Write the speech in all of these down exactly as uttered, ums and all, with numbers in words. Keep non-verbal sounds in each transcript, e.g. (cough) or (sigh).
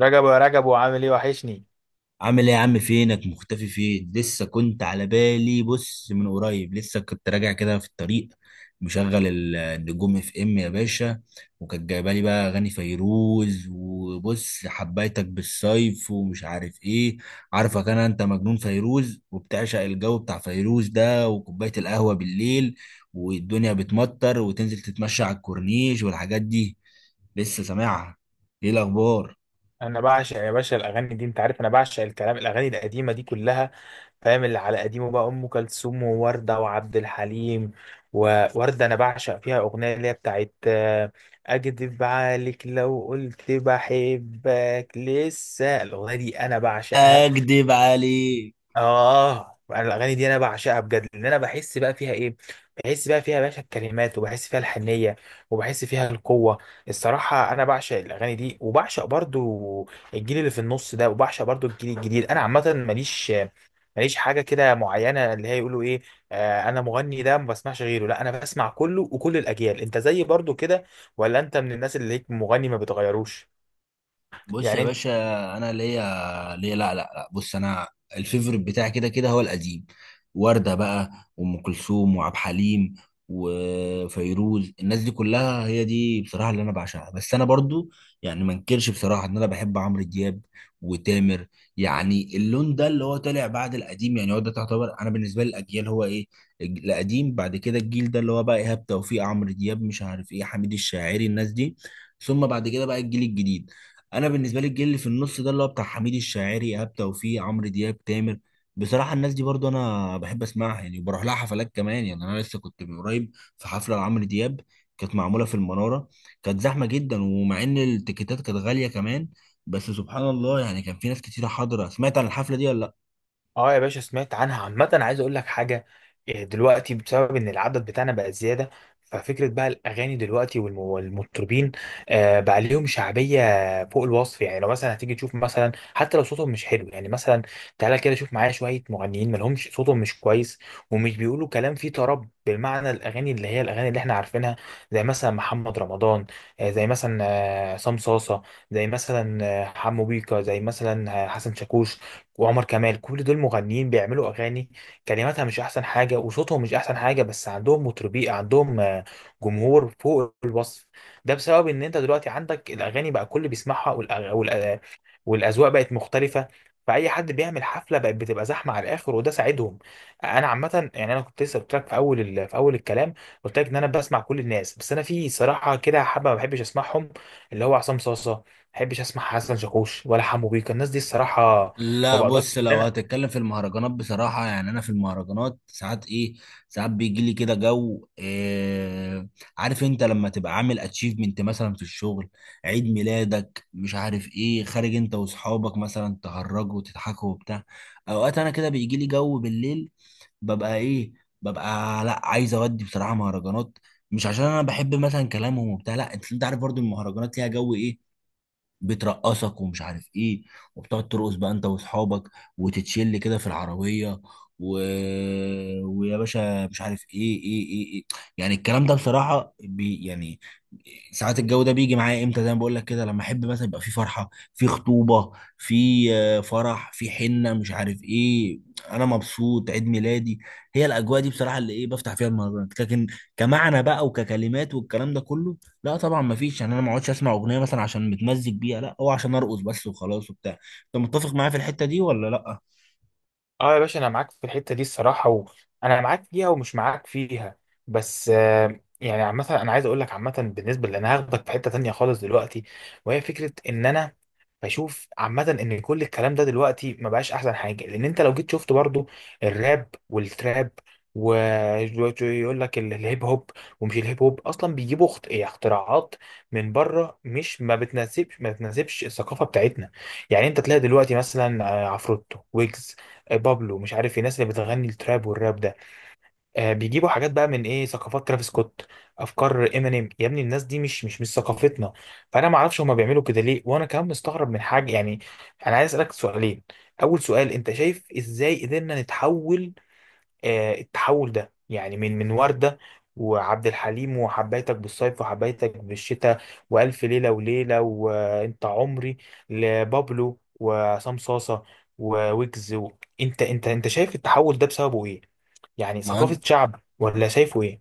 رجب، يا رجب، وعامل ايه؟ وحشني. عامل ايه يا عم؟ فينك مختفي؟ فين لسه كنت على بالي. بص، من قريب لسه كنت راجع كده في الطريق، مشغل ال- النجوم اف ام يا باشا، وكانت جايبه لي بقى اغاني فيروز، وبص حبيتك بالصيف ومش عارف ايه. عارفك انا، انت مجنون فيروز وبتعشق الجو بتاع فيروز ده وكوبايه القهوه بالليل والدنيا بتمطر، وتنزل تتمشى على الكورنيش والحاجات دي. لسه سامعها. ايه الاخبار؟ انا بعشق يا باشا الاغاني دي، انت عارف انا بعشق الكلام، الاغاني القديمه دي كلها. فاهم؟ اللي على قديمه بقى ام كلثوم وورده وعبد الحليم. وورده انا بعشق فيها اغنيه اللي هي بتاعت آه، اكدب عليك لو قلت بحبك. لسه الاغنيه دي انا بعشقها. اكدب عليك. اه، انا الاغاني دي انا بعشقها بجد، لان انا بحس بقى فيها ايه، بحس بقى فيها يا باشا الكلمات، وبحس فيها الحنيه، وبحس فيها القوه. الصراحه انا بعشق الاغاني دي، وبعشق برضو الجيل اللي في النص ده، وبعشق برضو الجيل الجديد. انا عامه ماليش ماليش حاجه كده معينه، اللي هي يقولوا ايه، آه، انا مغني ده ما بسمعش غيره. لا، انا بسمع كله وكل الاجيال. انت زي برضو كده، ولا انت من الناس اللي هيك مغني ما بتغيروش؟ بص يا يعني. باشا، انا ليا ليا لا لا لا بص، انا الفيفوريت بتاعي كده كده هو القديم، وردة بقى وام كلثوم وعبد الحليم وفيروز. الناس دي كلها هي دي بصراحة اللي انا بعشقها. بس انا برضو يعني ما انكرش بصراحة ان انا بحب عمرو دياب وتامر، يعني اللون ده اللي هو طالع بعد القديم. يعني هو ده تعتبر انا بالنسبة لي الاجيال هو ايه، الج- القديم، بعد كده الجيل ده اللي هو بقى ايهاب توفيق، عمرو دياب، مش عارف ايه، حميد الشاعري، الناس دي. ثم بعد كده بقى الجيل الجديد. انا بالنسبه لي الجيل اللي في النص ده اللي هو بتاع حميد الشاعري، ايهاب توفيق، عمرو دياب، تامر، بصراحه الناس دي برضو انا بحب اسمعها يعني، وبروح لها حفلات كمان. يعني انا لسه كنت من قريب في حفله لعمرو دياب، كانت معموله في المناره. كانت زحمه جدا، ومع ان التيكيتات كانت غاليه كمان، بس سبحان الله يعني كان في ناس كتيره حاضره. سمعت عن الحفله دي ولا لأ؟ اه يا باشا سمعت عنها. عامة عايز اقول لك حاجة، إيه، دلوقتي بسبب ان العدد بتاعنا بقى زيادة، ففكرة بقى الاغاني دلوقتي والم- والمطربين آه، بقى ليهم شعبية فوق الوصف. يعني لو مثلا هتيجي تشوف مثلا، حتى لو صوتهم مش حلو يعني، مثلا تعالى كده شوف معايا شوية مغنيين مالهمش، صوتهم مش كويس ومش بيقولوا كلام فيه طرب بالمعنى، الاغاني اللي هي الاغاني اللي احنا عارفينها. زي مثلا محمد رمضان، آه، زي مثلا آه، عصام صاصة، زي مثلا آه، حمو بيكا، زي مثلا آه، حسن شاكوش وعمر كمال. كل دول مغنيين بيعملوا اغاني كلماتها مش احسن حاجه وصوتهم مش احسن حاجه، بس عندهم مطربين، عندهم آه، جمهور فوق الوصف. ده بسبب ان انت دلوقتي عندك الاغاني بقى كل بيسمعها، والأغ... والأ... والاذواق بقت مختلفه، فاي حد بيعمل حفله بقت بتبقى زحمه على الاخر، وده ساعدهم. انا عامه يعني، انا كنت لسه قلت لك في اول ال... في اول الكلام، قلت لك ان انا بسمع كل الناس، بس انا في صراحه كده حبه ما بحبش اسمعهم، اللي هو عصام صاصه، ما بحبش اسمع حسن شاكوش ولا حمو بيكا، الناس دي الصراحه ما لا بقدرش بص، ان لو انا. هتتكلم في المهرجانات بصراحة، يعني أنا في المهرجانات ساعات إيه، ساعات بيجي لي كده جو إيه، عارف أنت لما تبقى عامل أتشيفمنت مثلا في الشغل، عيد ميلادك مش عارف إيه، خارج أنت وأصحابك مثلا تهرجوا وتضحكوا وبتاع. أوقات أنا كده بيجي لي جو بالليل، ببقى إيه، ببقى لا، عايز أودي بصراحة مهرجانات. مش عشان أنا بحب مثلا كلامهم وبتاع، لا، أنت أنت عارف برضو المهرجانات ليها جو إيه، بترقصك ومش عارف ايه، وبتقعد ترقص بقى انت واصحابك، وتتشل كده في العربيه، و... ويا باشا مش عارف ايه، ايه ايه, إيه. يعني الكلام ده بصراحه بي يعني ساعات الجو ده بيجي معايا امتى، زي ما بقول لك كده، لما احب مثلا يبقى في فرحه، في خطوبه، في آه، فرح، في حنه، مش عارف ايه، انا مبسوط عيد ميلادي. هي الاجواء دي بصراحه اللي ايه بفتح فيها المهرجانات، لكن كمعنى بقى وككلمات والكلام ده كله لا طبعا، ما فيش. يعني انا ما اقعدش اسمع اغنيه مثلا عشان متمزج بيها، لا هو عشان ارقص بس وخلاص وبتاع. انت متفق معايا في الحته دي ولا لا؟ اه يا باشا، انا معاك في الحته دي الصراحه، وانا معاك فيها ومش معاك فيها. بس آه، يعني عامه انا عايز اقول لك، عامه بالنسبه لان انا هاخدك في حته تانية خالص دلوقتي، وهي فكره ان انا بشوف عامة ان كل الكلام ده دلوقتي ما بقاش احسن حاجة، لان انت لو جيت شفت برضو الراب والتراب، ويقول لك ال- الهيب هوب، ومش الهيب هوب اصلا بيجيبوا اخت- إيه، اختراعات من بره، مش ما بتناسبش ما بتناسبش الثقافة بتاعتنا. يعني انت تلاقي دلوقتي مثلا آه، عفروتو ويجز، آه، بابلو، مش عارف إيه، الناس اللي بتغني التراب والراب ده آه، بيجيبوا حاجات بقى من ايه، ثقافات ترافيس سكوت، افكار امينيم. يا ابني الناس دي مش مش مش ثقافتنا. فانا ما اعرفش هما بيعملوا كده ليه، وانا كمان مستغرب من حاجه يعني. انا عايز اسالك سؤالين: اول سؤال، انت شايف ازاي قدرنا نتحول؟ آه التحول ده يعني من من ورده وعبد الحليم وحبيتك بالصيف وحبيتك بالشتاء والف ليله وليله وانت عمري، لبابلو وعصام صاصه وويجز و... انت انت انت شايف التحول ده بسببه ايه؟ يعني ما هو ثقافة شعب، ولا شايفه ايه؟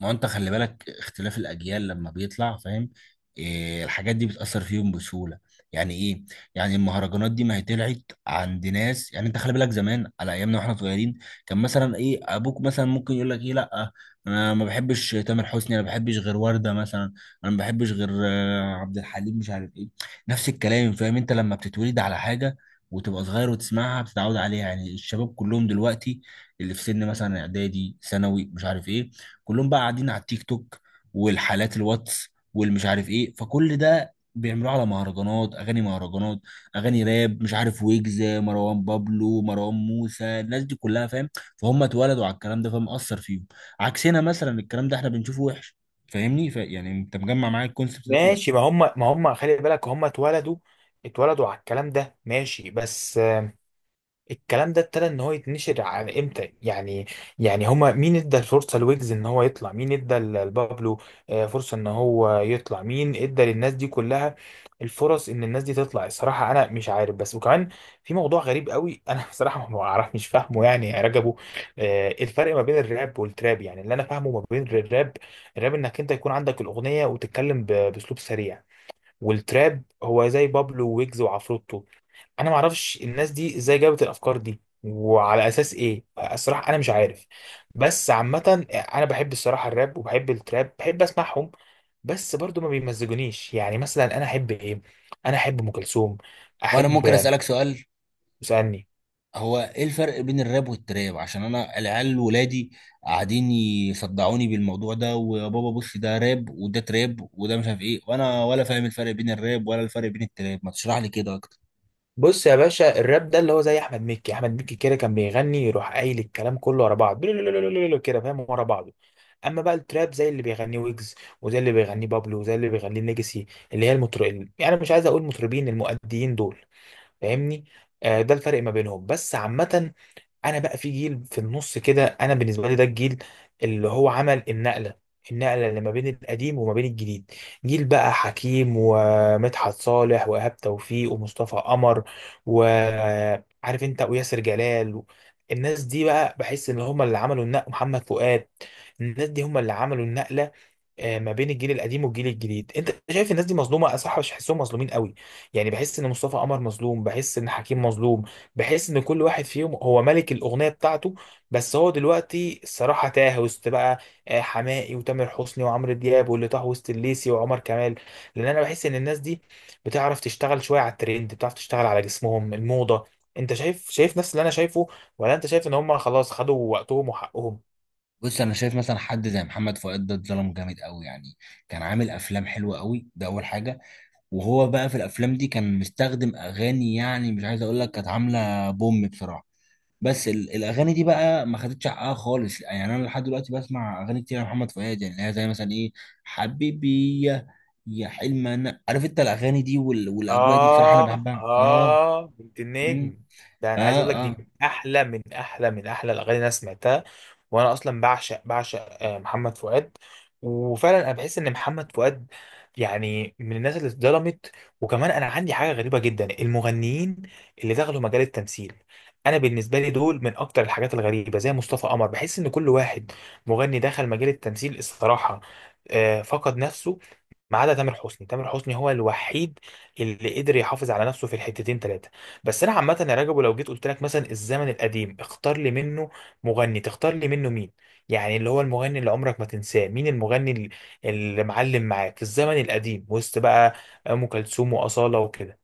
ما هو انت خلي بالك اختلاف الاجيال لما بيطلع، فاهم إيه؟ الحاجات دي بتاثر فيهم بسهوله. يعني ايه؟ يعني المهرجانات دي ما هي طلعت عند ناس. يعني انت خلي بالك زمان على ايامنا واحنا صغيرين كان مثلا ايه، ابوك مثلا ممكن يقول لك ايه، لا انا ما بحبش تامر حسني، انا ما بحبش غير ورده مثلا، انا ما بحبش غير آه، عبد الحليم، مش عارف ايه. نفس الكلام، فاهم انت لما بتتولد على حاجه وتبقى صغير وتسمعها بتتعود عليها. يعني الشباب كلهم دلوقتي اللي في سن مثلا اعدادي ثانوي مش عارف ايه، كلهم بقى قاعدين على التيك توك والحالات الواتس والمش عارف ايه، فكل ده بيعملوه على مهرجانات، اغاني مهرجانات، اغاني راب، مش عارف ويجز، مروان بابلو، مروان موسى، الناس دي كلها فاهم. فهم اتولدوا على الكلام ده فمأثر فيهم، عكسنا مثلا الكلام ده احنا بنشوفه وحش. فاهمني؟ ف... يعني انت مجمع معايا الكونسبت ده ولا لا؟ ماشي، ما هم ما هم خلي بالك هم اتولدوا اتولدوا على الكلام ده، ماشي. بس الكلام ده ابتدى ان هو يتنشر على امتى يعني؟ يعني هما مين ادى الفرصه لويجز ان هو يطلع؟ مين ادى ل- لبابلو آه، فرصه ان هو يطلع؟ مين ادى للناس دي كلها الفرص ان الناس دي تطلع؟ الصراحه انا مش عارف. بس وكمان في موضوع غريب قوي، انا (laughs) بصراحه ما اعرف، مش فاهمه يعني يا رجبو، آه، الفرق ما بين الراب والتراب. يعني اللي انا فاهمه ما بين الراب، الراب انك انت يكون عندك الاغنيه وتتكلم ب- باسلوب سريع، والتراب هو زي بابلو ويجز وعفروتو. انا ما اعرفش الناس دي ازاي جابت الافكار دي وعلى اساس ايه. الصراحه انا مش عارف، بس عامه انا بحب الصراحه الراب وبحب التراب، بحب اسمعهم، بس برضو ما بيمزجونيش. يعني مثلا انا احب ايه؟ انا احب ام كلثوم، وانا ممكن احب. اسالك سؤال. اسالني. هو ايه الفرق بين الراب والتراب؟ عشان انا العيال ولادي قاعدين يصدعوني بالموضوع ده، ويا بابا بص ده راب وده تراب وده مش عارف ايه، وانا ولا فاهم الفرق بين الراب ولا الفرق بين التراب. ما تشرح لي كده اكتر. بص يا باشا الراب ده اللي هو زي احمد مكي، احمد مكي كده كان بيغني يروح قايل الكلام كله ورا بعض (laughs) كده، فاهم؟ ورا بعض. اما بقى التراب زي اللي بيغنيه ويجز، وزي اللي بيغنيه بابلو، وزي اللي بيغنيه ليجاسي، اللي هي المطر يعني، مش عايز اقول مطربين، المؤديين دول، فاهمني؟ آه، ده الفرق ما بينهم. بس عامة انا بقى في جيل في النص كده، انا بالنسبه لي ده الجيل اللي هو عمل النقله، النقله اللي ما بين القديم وما بين الجديد. جيل بقى حكيم ومدحت صالح وايهاب توفيق ومصطفى قمر، وعارف انت، وياسر جلال، الناس دي بقى بحس ان هم اللي عملوا النقله، محمد فؤاد، الناس دي هم اللي عملوا النقله آه، ما بين الجيل القديم والجيل الجديد. انت شايف الناس دي مظلومه؟ اصح مش بحسهم مظلومين قوي يعني. بحس ان مصطفى قمر مظلوم، بحس ان حكيم مظلوم، بحس ان كل واحد فيهم هو ملك الاغنيه بتاعته، بس هو دلوقتي الصراحه تاه وسط بقى آه، حماقي وتامر حسني وعمرو دياب، واللي طاه وسط الليسي وعمر كمال، لان انا بحس ان الناس دي بتعرف تشتغل شويه على الترند، بتعرف تشتغل على جسمهم الموضه. انت شايف، شايف نفس اللي انا شايفه، ولا انت شايف ان هم خلاص خدوا وقتهم وحقهم؟ بص انا شايف مثلا حد زي محمد فؤاد ده اتظلم جامد قوي يعني. كان عامل افلام حلوه قوي، ده اول حاجه. وهو بقى في الافلام دي كان مستخدم اغاني يعني مش عايز اقول لك كانت عامله بوم بصراحه، بس ال- الاغاني دي بقى ما خدتش حقها خالص. يعني انا لحد دلوقتي بسمع اغاني كتير لمحمد فؤاد، يعني اللي هي زي مثلا ايه، حبيبي يا، يا حلم، انا عارف انت الاغاني دي وال... والاجواء دي بصراحه انا اه، بحبها. اه. اه، بنت مم. النجم! ده انا عايز اقول لك اه دي اه. من احلى، من احلى، من احلى الاغاني اللي انا سمعتها، وانا اصلا بعشق، بعشق آه، محمد فؤاد. وفعلا انا بحس ان محمد فؤاد يعني من الناس اللي اتظلمت. وكمان انا عندي حاجه غريبه جدا، المغنيين اللي دخلوا مجال التمثيل، انا بالنسبه لي دول من اكتر الحاجات الغريبه، زي مصطفى قمر. بحس ان كل واحد مغني دخل مجال التمثيل الصراحه آه، فقد نفسه، ما عدا تامر حسني، تامر حسني هو الوحيد اللي قدر يحافظ على نفسه في الحتتين ثلاثه. بس انا عامه يا رجب، لو جيت قلت لك مثلا الزمن القديم، اختار لي منه مغني، تختار لي منه مين؟ يعني اللي هو المغني اللي عمرك ما تنساه، مين المغني اللي اللي معلم معاك في الزمن القديم وسط بقى ام كلثوم واصاله وكده؟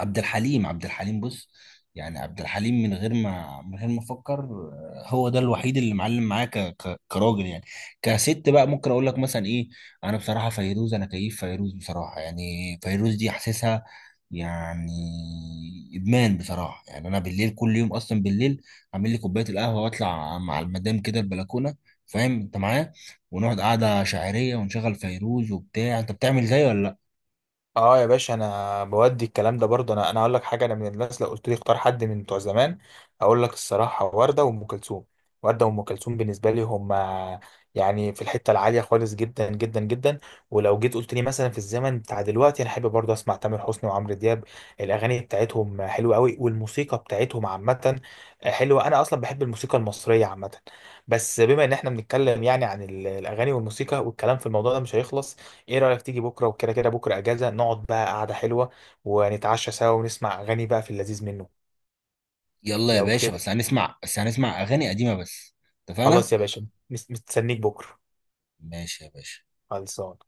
عبد الحليم، عبد الحليم بص، يعني عبد الحليم من غير ما من غير ما افكر، آه، هو ده الوحيد اللي معلم معايا ك... ك... كراجل يعني. كست بقى ممكن اقول لك مثلا ايه، انا بصراحه فيروز، انا كيف فيروز بصراحه يعني، فيروز دي حاسسها يعني ادمان بصراحه. يعني انا بالليل كل يوم اصلا بالليل اعمل لي كوبايه القهوه واطلع مع المدام كده البلكونه، فاهم انت معايا، ونقعد قعده شاعريه ونشغل فيروز وبتاع. انت بتعمل زي ولا لا؟ اه يا باشا، انا بودي الكلام ده برضه، انا، انا اقول لك حاجه: انا من الناس لو قلت لي اختار حد من بتوع زمان، اقول لك الصراحه ورده وام كلثوم. ورده وام كلثوم بالنسبه لي هم يعني في الحته العاليه خالص، جدا جدا جدا. ولو جيت قلت لي مثلا في الزمن بتاع دلوقتي، انا احب برضه اسمع تامر حسني وعمرو دياب. الاغاني بتاعتهم حلوه قوي، والموسيقى بتاعتهم عامه حلوه، انا اصلا بحب الموسيقى المصريه عامه. بس بما ان احنا بنتكلم يعني عن ال- الاغاني والموسيقى، والكلام في الموضوع ده مش هيخلص، ايه رأيك تيجي بكرة؟ وكده كده بكرة اجازة، نقعد بقى قعدة حلوة، ونتعشى سوا، ونسمع اغاني بقى في اللذيذ منه. يلا يا لو باشا، كده. بس هنسمع، بس هنسمع اغاني قديمه بس. اتفقنا. خلاص يا باشا، مس- مستنيك بكرة. ماشي يا باشا. خلصان.